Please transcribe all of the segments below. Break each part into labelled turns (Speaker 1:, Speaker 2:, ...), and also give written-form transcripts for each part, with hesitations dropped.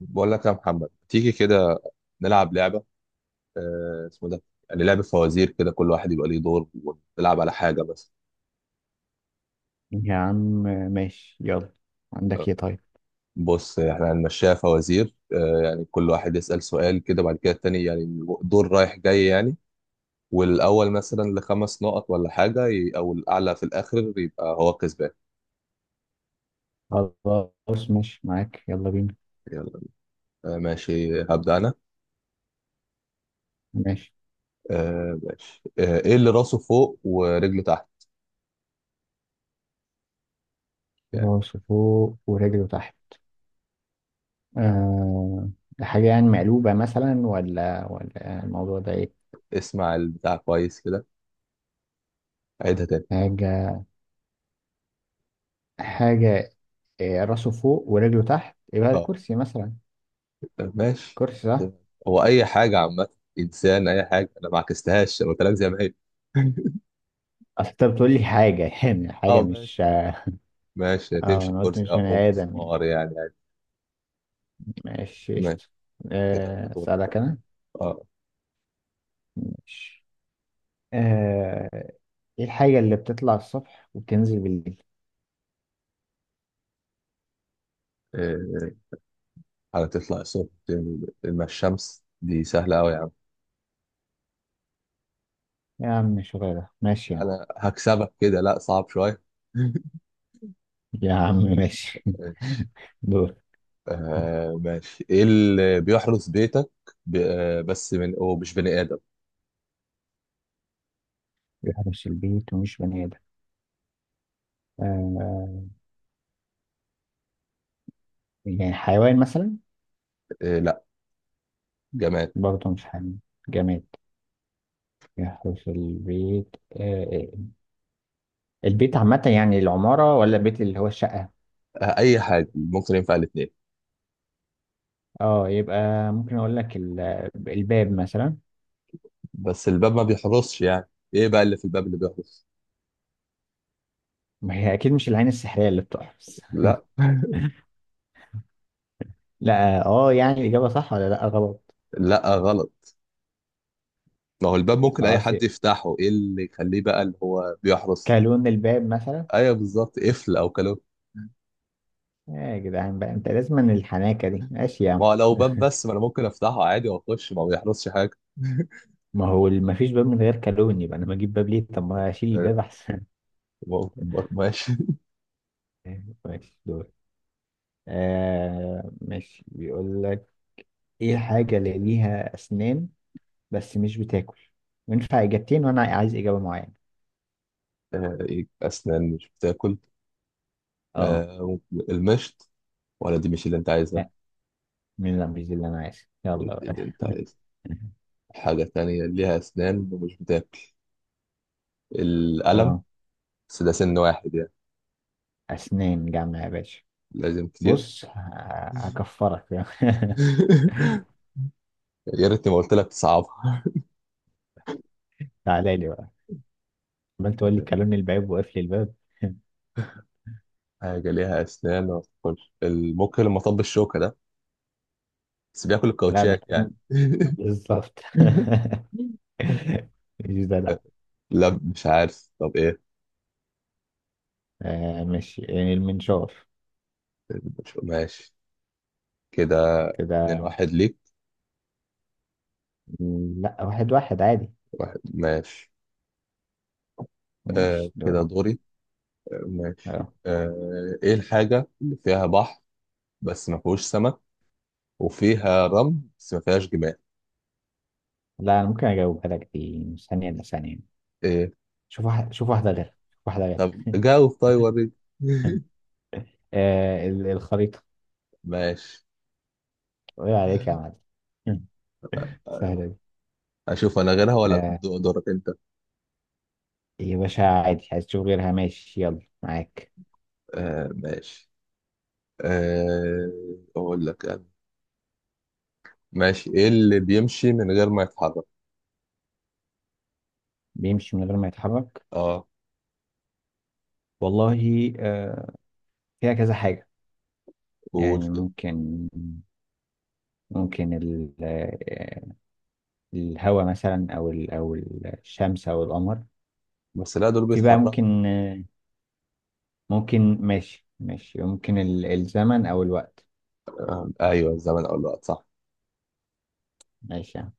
Speaker 1: بقول لك يا محمد تيجي كده نلعب لعبة. اسمه ده يعني لعبة فوازير كده، كل واحد يبقى ليه دور ونلعب على حاجة. بس
Speaker 2: يا عم، ماشي يلا. عندك
Speaker 1: آه
Speaker 2: ايه؟ طيب،
Speaker 1: بص، احنا هنمشيها فوازير، يعني كل واحد يسأل سؤال كده، بعد كده التاني، يعني دور رايح جاي يعني. والأول مثلا لخمس نقط ولا حاجة، أو الأعلى في الآخر يبقى هو كسبان.
Speaker 2: خلاص ماشي معاك يلا بينا.
Speaker 1: يلا. آه ماشي، هبدأ أنا.
Speaker 2: ماشي.
Speaker 1: آه ماشي، آه، إيه اللي راسه فوق ورجله تحت؟ يعني
Speaker 2: راس فوق ورجله تحت، آه حاجة يعني مقلوبة مثلا، ولا الموضوع ده ايه؟
Speaker 1: اسمع البتاع كويس كده، عيدها تاني.
Speaker 2: حاجة، حاجة، راسه فوق ورجله تحت يبقى
Speaker 1: آه.
Speaker 2: الكرسي مثلا.
Speaker 1: ماشي،
Speaker 2: كرسي، صح.
Speaker 1: هو اي حاجه عامه، انسان، اي حاجه، انا ما عكستهاش، انا قلت لك زي ما هي.
Speaker 2: اصل انت بتقول لي حاجة يعني حاجة،
Speaker 1: اه ماشي،
Speaker 2: مش...
Speaker 1: ماشي
Speaker 2: اه،
Speaker 1: تمشي
Speaker 2: انا قلت
Speaker 1: كرسي
Speaker 2: مش
Speaker 1: اه، او
Speaker 2: بني ادم يعني.
Speaker 1: مسمار يعني عادي.
Speaker 2: ماشي
Speaker 1: ماشي
Speaker 2: قشطة.
Speaker 1: كده
Speaker 2: آه،
Speaker 1: دور.
Speaker 2: اسألك انا.
Speaker 1: اه،
Speaker 2: ماشي. آه، ايه الحاجة اللي بتطلع الصبح وبتنزل بالليل؟
Speaker 1: إيه، هتطلع الصبح مع الشمس، دي سهله قوي يا عم.
Speaker 2: يا عم شغالة، ماشي يا عم،
Speaker 1: انا هكسبك كده، لا صعب شويه.
Speaker 2: يا عم ماشي.
Speaker 1: ماشي.
Speaker 2: دور.
Speaker 1: آه ماشي، ايه اللي بيحرس بيتك؟ بس من هو مش بني ادم.
Speaker 2: بيحرس البيت ومش بني آدم، آه، يعني حيوان مثلا؟
Speaker 1: آه لا، جماد.
Speaker 2: برضه مش حيوان، جماد. يحرس البيت، البيت عامة يعني العمارة، ولا البيت اللي هو الشقة؟
Speaker 1: آه اي حاجه، ممكن ينفع الاثنين.
Speaker 2: اه، يبقى ممكن اقول لك الباب مثلا.
Speaker 1: بس الباب ما بيحرسش يعني، ايه بقى اللي في الباب اللي بيحرس؟
Speaker 2: ما هي اكيد مش العين السحرية اللي بتحرس.
Speaker 1: لا.
Speaker 2: لا. يعني الإجابة صح ولا لا، غلط؟
Speaker 1: لا غلط. ما هو الباب ممكن اي
Speaker 2: خلاص،
Speaker 1: حد يفتحه، ايه اللي يخليه بقى اللي هو بيحرس؟
Speaker 2: كلون الباب مثلا.
Speaker 1: ايوه بالظبط، قفل او كلو.
Speaker 2: يا جدعان بقى، انت لازم من الحناكه دي. ماشي يا
Speaker 1: ما
Speaker 2: عم.
Speaker 1: هو لو باب بس، ما انا ممكن افتحه عادي واخش، ما هو بيحرسش حاجه.
Speaker 2: ما هو ما فيش باب من غير كالون، يبقى انا ما اجيب باب ليه؟ طب ما اشيل
Speaker 1: آه،
Speaker 2: الباب احسن.
Speaker 1: ماشي.
Speaker 2: ماشي دول. آه ماشي، بيقول لك ايه الحاجه اللي ليها اسنان بس مش بتاكل؟ وينفع اجابتين وانا عايز اجابه معينه.
Speaker 1: آه، إيه، اسنان مش بتاكل،
Speaker 2: اه.
Speaker 1: آه، المشط. ولا دي مش اللي انت عايزها؟
Speaker 2: لا، من لا، مش دي اللي انا عايز. يلا
Speaker 1: قلت
Speaker 2: بقى.
Speaker 1: اللي انت عايزها، حاجه تانية ليها اسنان ومش بتاكل، القلم.
Speaker 2: اه،
Speaker 1: بس ده سن واحد يعني.
Speaker 2: اسنان جامعه يا باشا.
Speaker 1: لازم كتير.
Speaker 2: بص هكفرك.
Speaker 1: يا ريتني ما قلت لك تصعبها.
Speaker 2: تعالى لي بقى، عمال تقول لي كلون الباب وقفل الباب.
Speaker 1: حاجة ليها أسنان ما بتاكلش، الموك اللي مطب الشوكة ده، بس بياكل
Speaker 2: لا، ده
Speaker 1: الكاوتشات يعني.
Speaker 2: كلام، بالظبط. مش ده، لا.
Speaker 1: لا مش عارف، طب إيه؟
Speaker 2: آه، مش يعني المنشار؟
Speaker 1: ماشي كده. اتنين
Speaker 2: كده.
Speaker 1: واحد ليك؟
Speaker 2: لا، واحد واحد عادي.
Speaker 1: واحد ماشي. آه
Speaker 2: ماشي
Speaker 1: كده
Speaker 2: دورك.
Speaker 1: دوري. آه، ماشي،
Speaker 2: اه.
Speaker 1: آه، إيه الحاجة اللي فيها بحر بس ما فيهوش سمك، وفيها رمل بس ما فيهاش جمال؟
Speaker 2: لا، انا ممكن اجاوبها لك، دي مش ثانية الا ثانية.
Speaker 1: إيه؟
Speaker 2: شوف واحد، شوف واحدة غير، شوف واحدة غير.
Speaker 1: طب جاوب طيب وريني.
Speaker 2: آه، الخريطة.
Speaker 1: ماشي.
Speaker 2: ايه عليك يا معلم. سهلة دي.
Speaker 1: اشوف انا غيرها ولا
Speaker 2: آه
Speaker 1: دورك انت؟
Speaker 2: يا باشا عادي، عايز تشوف غيرها ماشي يلا معاك.
Speaker 1: آه ماشي. آه، اقول لك أنا. ماشي، ايه اللي بيمشي من غير ما يتحرك؟
Speaker 2: بيمشي من غير ما يتحرك؟
Speaker 1: اه
Speaker 2: والله آه، فيها كذا حاجة.
Speaker 1: قول
Speaker 2: يعني
Speaker 1: كده.
Speaker 2: ممكن الهواء مثلا، او الشمس، او القمر.
Speaker 1: بس لا، دول
Speaker 2: في بقى
Speaker 1: بيتحركوا.
Speaker 2: ممكن، ممكن، ماشي ماشي، ممكن الزمن او الوقت.
Speaker 1: ايوه، الزمن او الوقت صح.
Speaker 2: ماشي يا عم.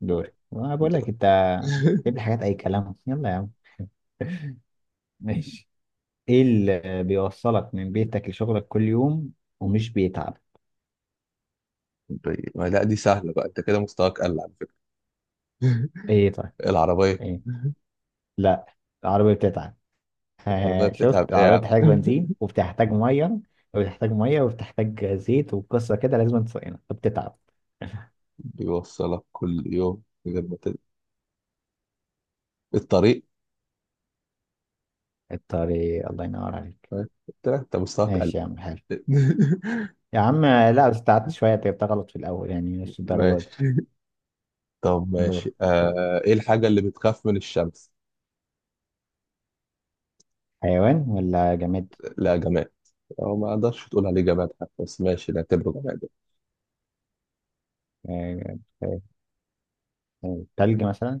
Speaker 2: دوري وأنا بقول
Speaker 1: دول.
Speaker 2: لك انت. جيب لي حاجات اي كلام، يلا يا عم. ماشي. ايه اللي بيوصلك من بيتك لشغلك كل يوم ومش بيتعب؟
Speaker 1: طيب ما لا، دي سهله بقى، انت كده مستواك قل على فكره.
Speaker 2: ايه طيب؟
Speaker 1: العربيه.
Speaker 2: ايه؟ لا، العربية بتتعب.
Speaker 1: العربيه
Speaker 2: شفت؟
Speaker 1: بتتعب ايه يا
Speaker 2: العربية
Speaker 1: عم؟
Speaker 2: بتحتاج بنزين، وبتحتاج مية، وبتحتاج زيت، وقصة كده لازم تصينها، فبتتعب.
Speaker 1: بيوصلك كل يوم من غير ما الطريق.
Speaker 2: الطريق، الله ينور عليك.
Speaker 1: طيب، قلت لك انت مستواك قل.
Speaker 2: ماشي يا عم، حلو. يا عم لا، بس تعبت شوية، انت جبتها غلط في الأول يعني، مش الدرجة دي.
Speaker 1: ماشي. طب
Speaker 2: دورك
Speaker 1: ماشي،
Speaker 2: يلا.
Speaker 1: آه، ايه الحاجة اللي بتخاف من الشمس؟
Speaker 2: حيوان ولا جماد؟
Speaker 1: لا جماد، او ما اقدرش تقول عليه جماد حتى، بس ماشي نعتبره جماد.
Speaker 2: آه، آه، تلج مثلا.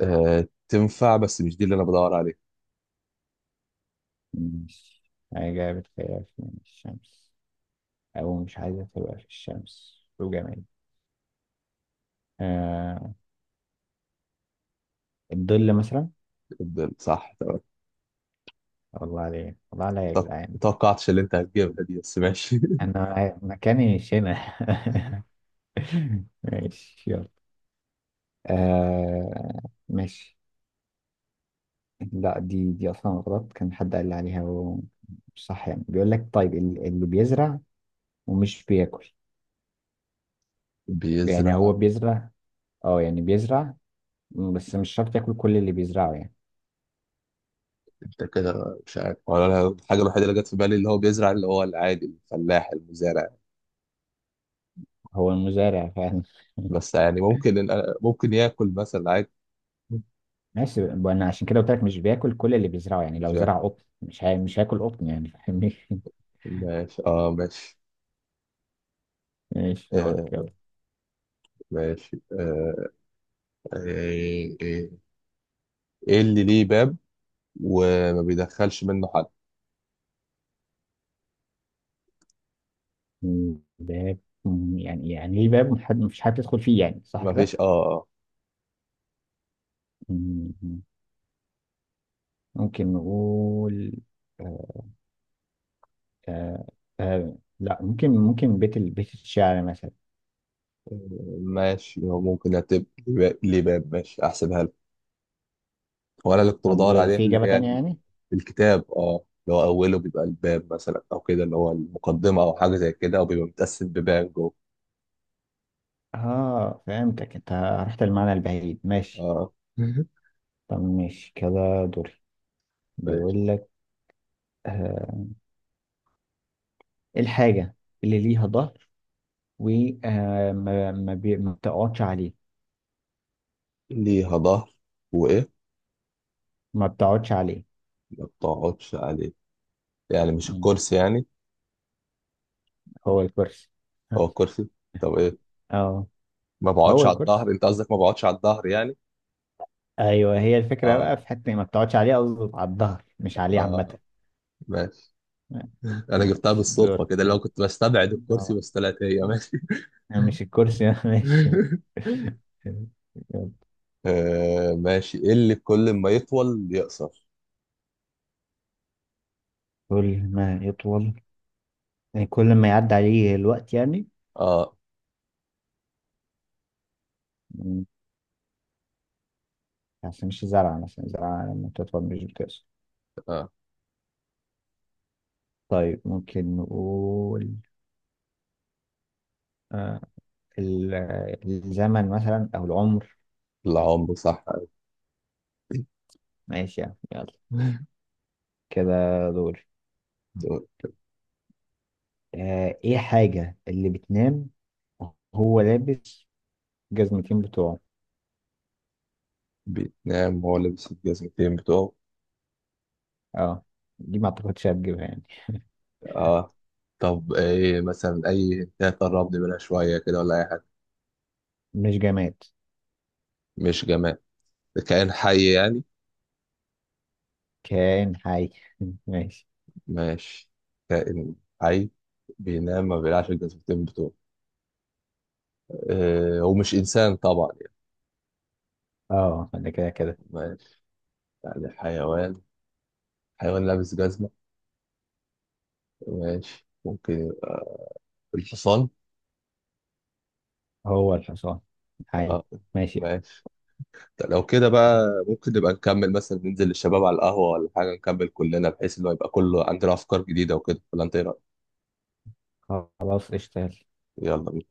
Speaker 1: آه تنفع، بس مش دي اللي انا بدور عليها.
Speaker 2: مش... حاجة بتخاف من الشمس، أو مش عايزة تبقى في الشمس، وجماد. آه، الظل مثلا.
Speaker 1: افضل، صح تمام.
Speaker 2: والله عليك، والله عليا يا
Speaker 1: طب ما
Speaker 2: جدعان.
Speaker 1: توقعتش اللي انت هتجيبها دي، بس ماشي.
Speaker 2: أنا مكاني مش هنا. ماشي يلا. آه ماشي. لا، دي اصلا غلط. كان حد قال لي عليها ومش صح يعني. بيقول لك طيب، اللي بيزرع ومش بياكل. يعني هو
Speaker 1: بيزرع.
Speaker 2: بيزرع، اه يعني بيزرع، بس مش شرط ياكل كل اللي بيزرعه يعني.
Speaker 1: انت كده مش عارف ولا أنا؟ الحاجة الوحيدة اللي جت في بالي اللي هو بيزرع اللي هو العادي، الفلاح، المزارع.
Speaker 2: هو المزارع فعلا.
Speaker 1: بس يعني ممكن ممكن ياكل مثلا عادي.
Speaker 2: ماشي. انا عشان كده قلت لك مش بياكل كل اللي بيزرعه، يعني
Speaker 1: مش
Speaker 2: لو زرع
Speaker 1: ياكل.
Speaker 2: قطن مش هياكل قطن يعني، فاهمني؟
Speaker 1: ماشي اه ماشي.
Speaker 2: ماشي دورك
Speaker 1: آه
Speaker 2: يلا.
Speaker 1: ماشي، آه، إيه، إيه اللي ليه باب وما بيدخلش منه حد؟
Speaker 2: باب، يعني ليه باب مفيش حد يدخل فيه يعني، صح
Speaker 1: ما فيش
Speaker 2: كده؟
Speaker 1: اه آه.
Speaker 2: مم. ممكن نقول، آه، آه آه لا. ممكن، بيت بيت الشعر مثلا.
Speaker 1: ماشي، هو ممكن هتبقى ليه باب، ماشي احسبها لك. وانا اللي كنت بدور
Speaker 2: طب
Speaker 1: عليها
Speaker 2: في
Speaker 1: اللي
Speaker 2: إجابة
Speaker 1: هي
Speaker 2: تانية يعني؟
Speaker 1: الكتاب، اه، اللي هو اوله بيبقى الباب مثلا، او كده اللي هو المقدمه او حاجه زي كده، او بيبقى متقسم ببان جوه.
Speaker 2: اه، فهمتك انت، رحت المعنى البعيد. ماشي.
Speaker 1: اه
Speaker 2: طب ماشي كده، دوري.
Speaker 1: ماشي.
Speaker 2: بيقول لك، آه، إيه الحاجة اللي ليها ظهر وما ما بتقعدش عليه؟
Speaker 1: ليها ظهر وايه؟
Speaker 2: ما بتقعدش عليه.
Speaker 1: ما بتقعدش عليه، يعني مش
Speaker 2: مم.
Speaker 1: الكرسي يعني؟
Speaker 2: هو الكرسي.
Speaker 1: هو الكرسي. طب ايه،
Speaker 2: اه،
Speaker 1: ما
Speaker 2: هو
Speaker 1: بقعدش على
Speaker 2: الكرسي.
Speaker 1: الظهر؟ انت قصدك ما بقعدش على الظهر يعني.
Speaker 2: ايوه، هي الفكرة بقى،
Speaker 1: اه
Speaker 2: في حتة ما بتقعدش عليه، قصدي على الظهر مش عليه عامة.
Speaker 1: اه ماشي. انا جبتها
Speaker 2: ماشي
Speaker 1: بالصدفه
Speaker 2: دورك
Speaker 1: كده، لو
Speaker 2: كده.
Speaker 1: كنت بستبعد الكرسي،
Speaker 2: اه.
Speaker 1: بس طلعت هي، ماشي.
Speaker 2: يعني مش الكرسي. ماشي.
Speaker 1: آه ماشي، ايه اللي كل ما يطول يقصر؟
Speaker 2: كل ما يطول، يعني كل ما يعدي عليه الوقت يعني.
Speaker 1: اه
Speaker 2: مم، عشان مش زرعة مثلا، زرعة لما تطول مش بتقصر.
Speaker 1: اه.
Speaker 2: طيب ممكن نقول، آه الزمن مثلا أو العمر.
Speaker 1: العمر صح.
Speaker 2: ماشي يعني يلا. كده دول.
Speaker 1: دول.
Speaker 2: آه، إيه الحاجة اللي بتنام وهو لابس جزمتين بتوعه؟
Speaker 1: بيتنام وهو لابس الجزمتين بتوعه.
Speaker 2: اه، دي ما أعتقدش هتجيبها يعني.
Speaker 1: اه. طب ايه مثلا، اي حاجة قربني منها شويه كده، ولا اي حاجه؟
Speaker 2: مش جماد،
Speaker 1: مش جماد، ده كائن حي يعني.
Speaker 2: كائن حي. ماشي.
Speaker 1: ماشي، كائن حي بينام ما بيلعش الجزمتين بتوعه، آه ومش انسان طبعا يعني.
Speaker 2: اه، ده كده كده.
Speaker 1: ماشي يعني حيوان، حيوان لابس جزمة، ماشي ممكن، الحصان.
Speaker 2: هو الحصان؟ حي.
Speaker 1: اه
Speaker 2: ماشي،
Speaker 1: ماشي. طب لو كده بقى، ممكن نبقى نكمل مثلا، ننزل للشباب على القهوة ولا حاجة، نكمل كلنا بحيث اللي هو يبقى كله عندنا أفكار جديدة وكده، ولا أنت إيه رأيك؟
Speaker 2: خلاص قشطة يلا.
Speaker 1: يلا بينا.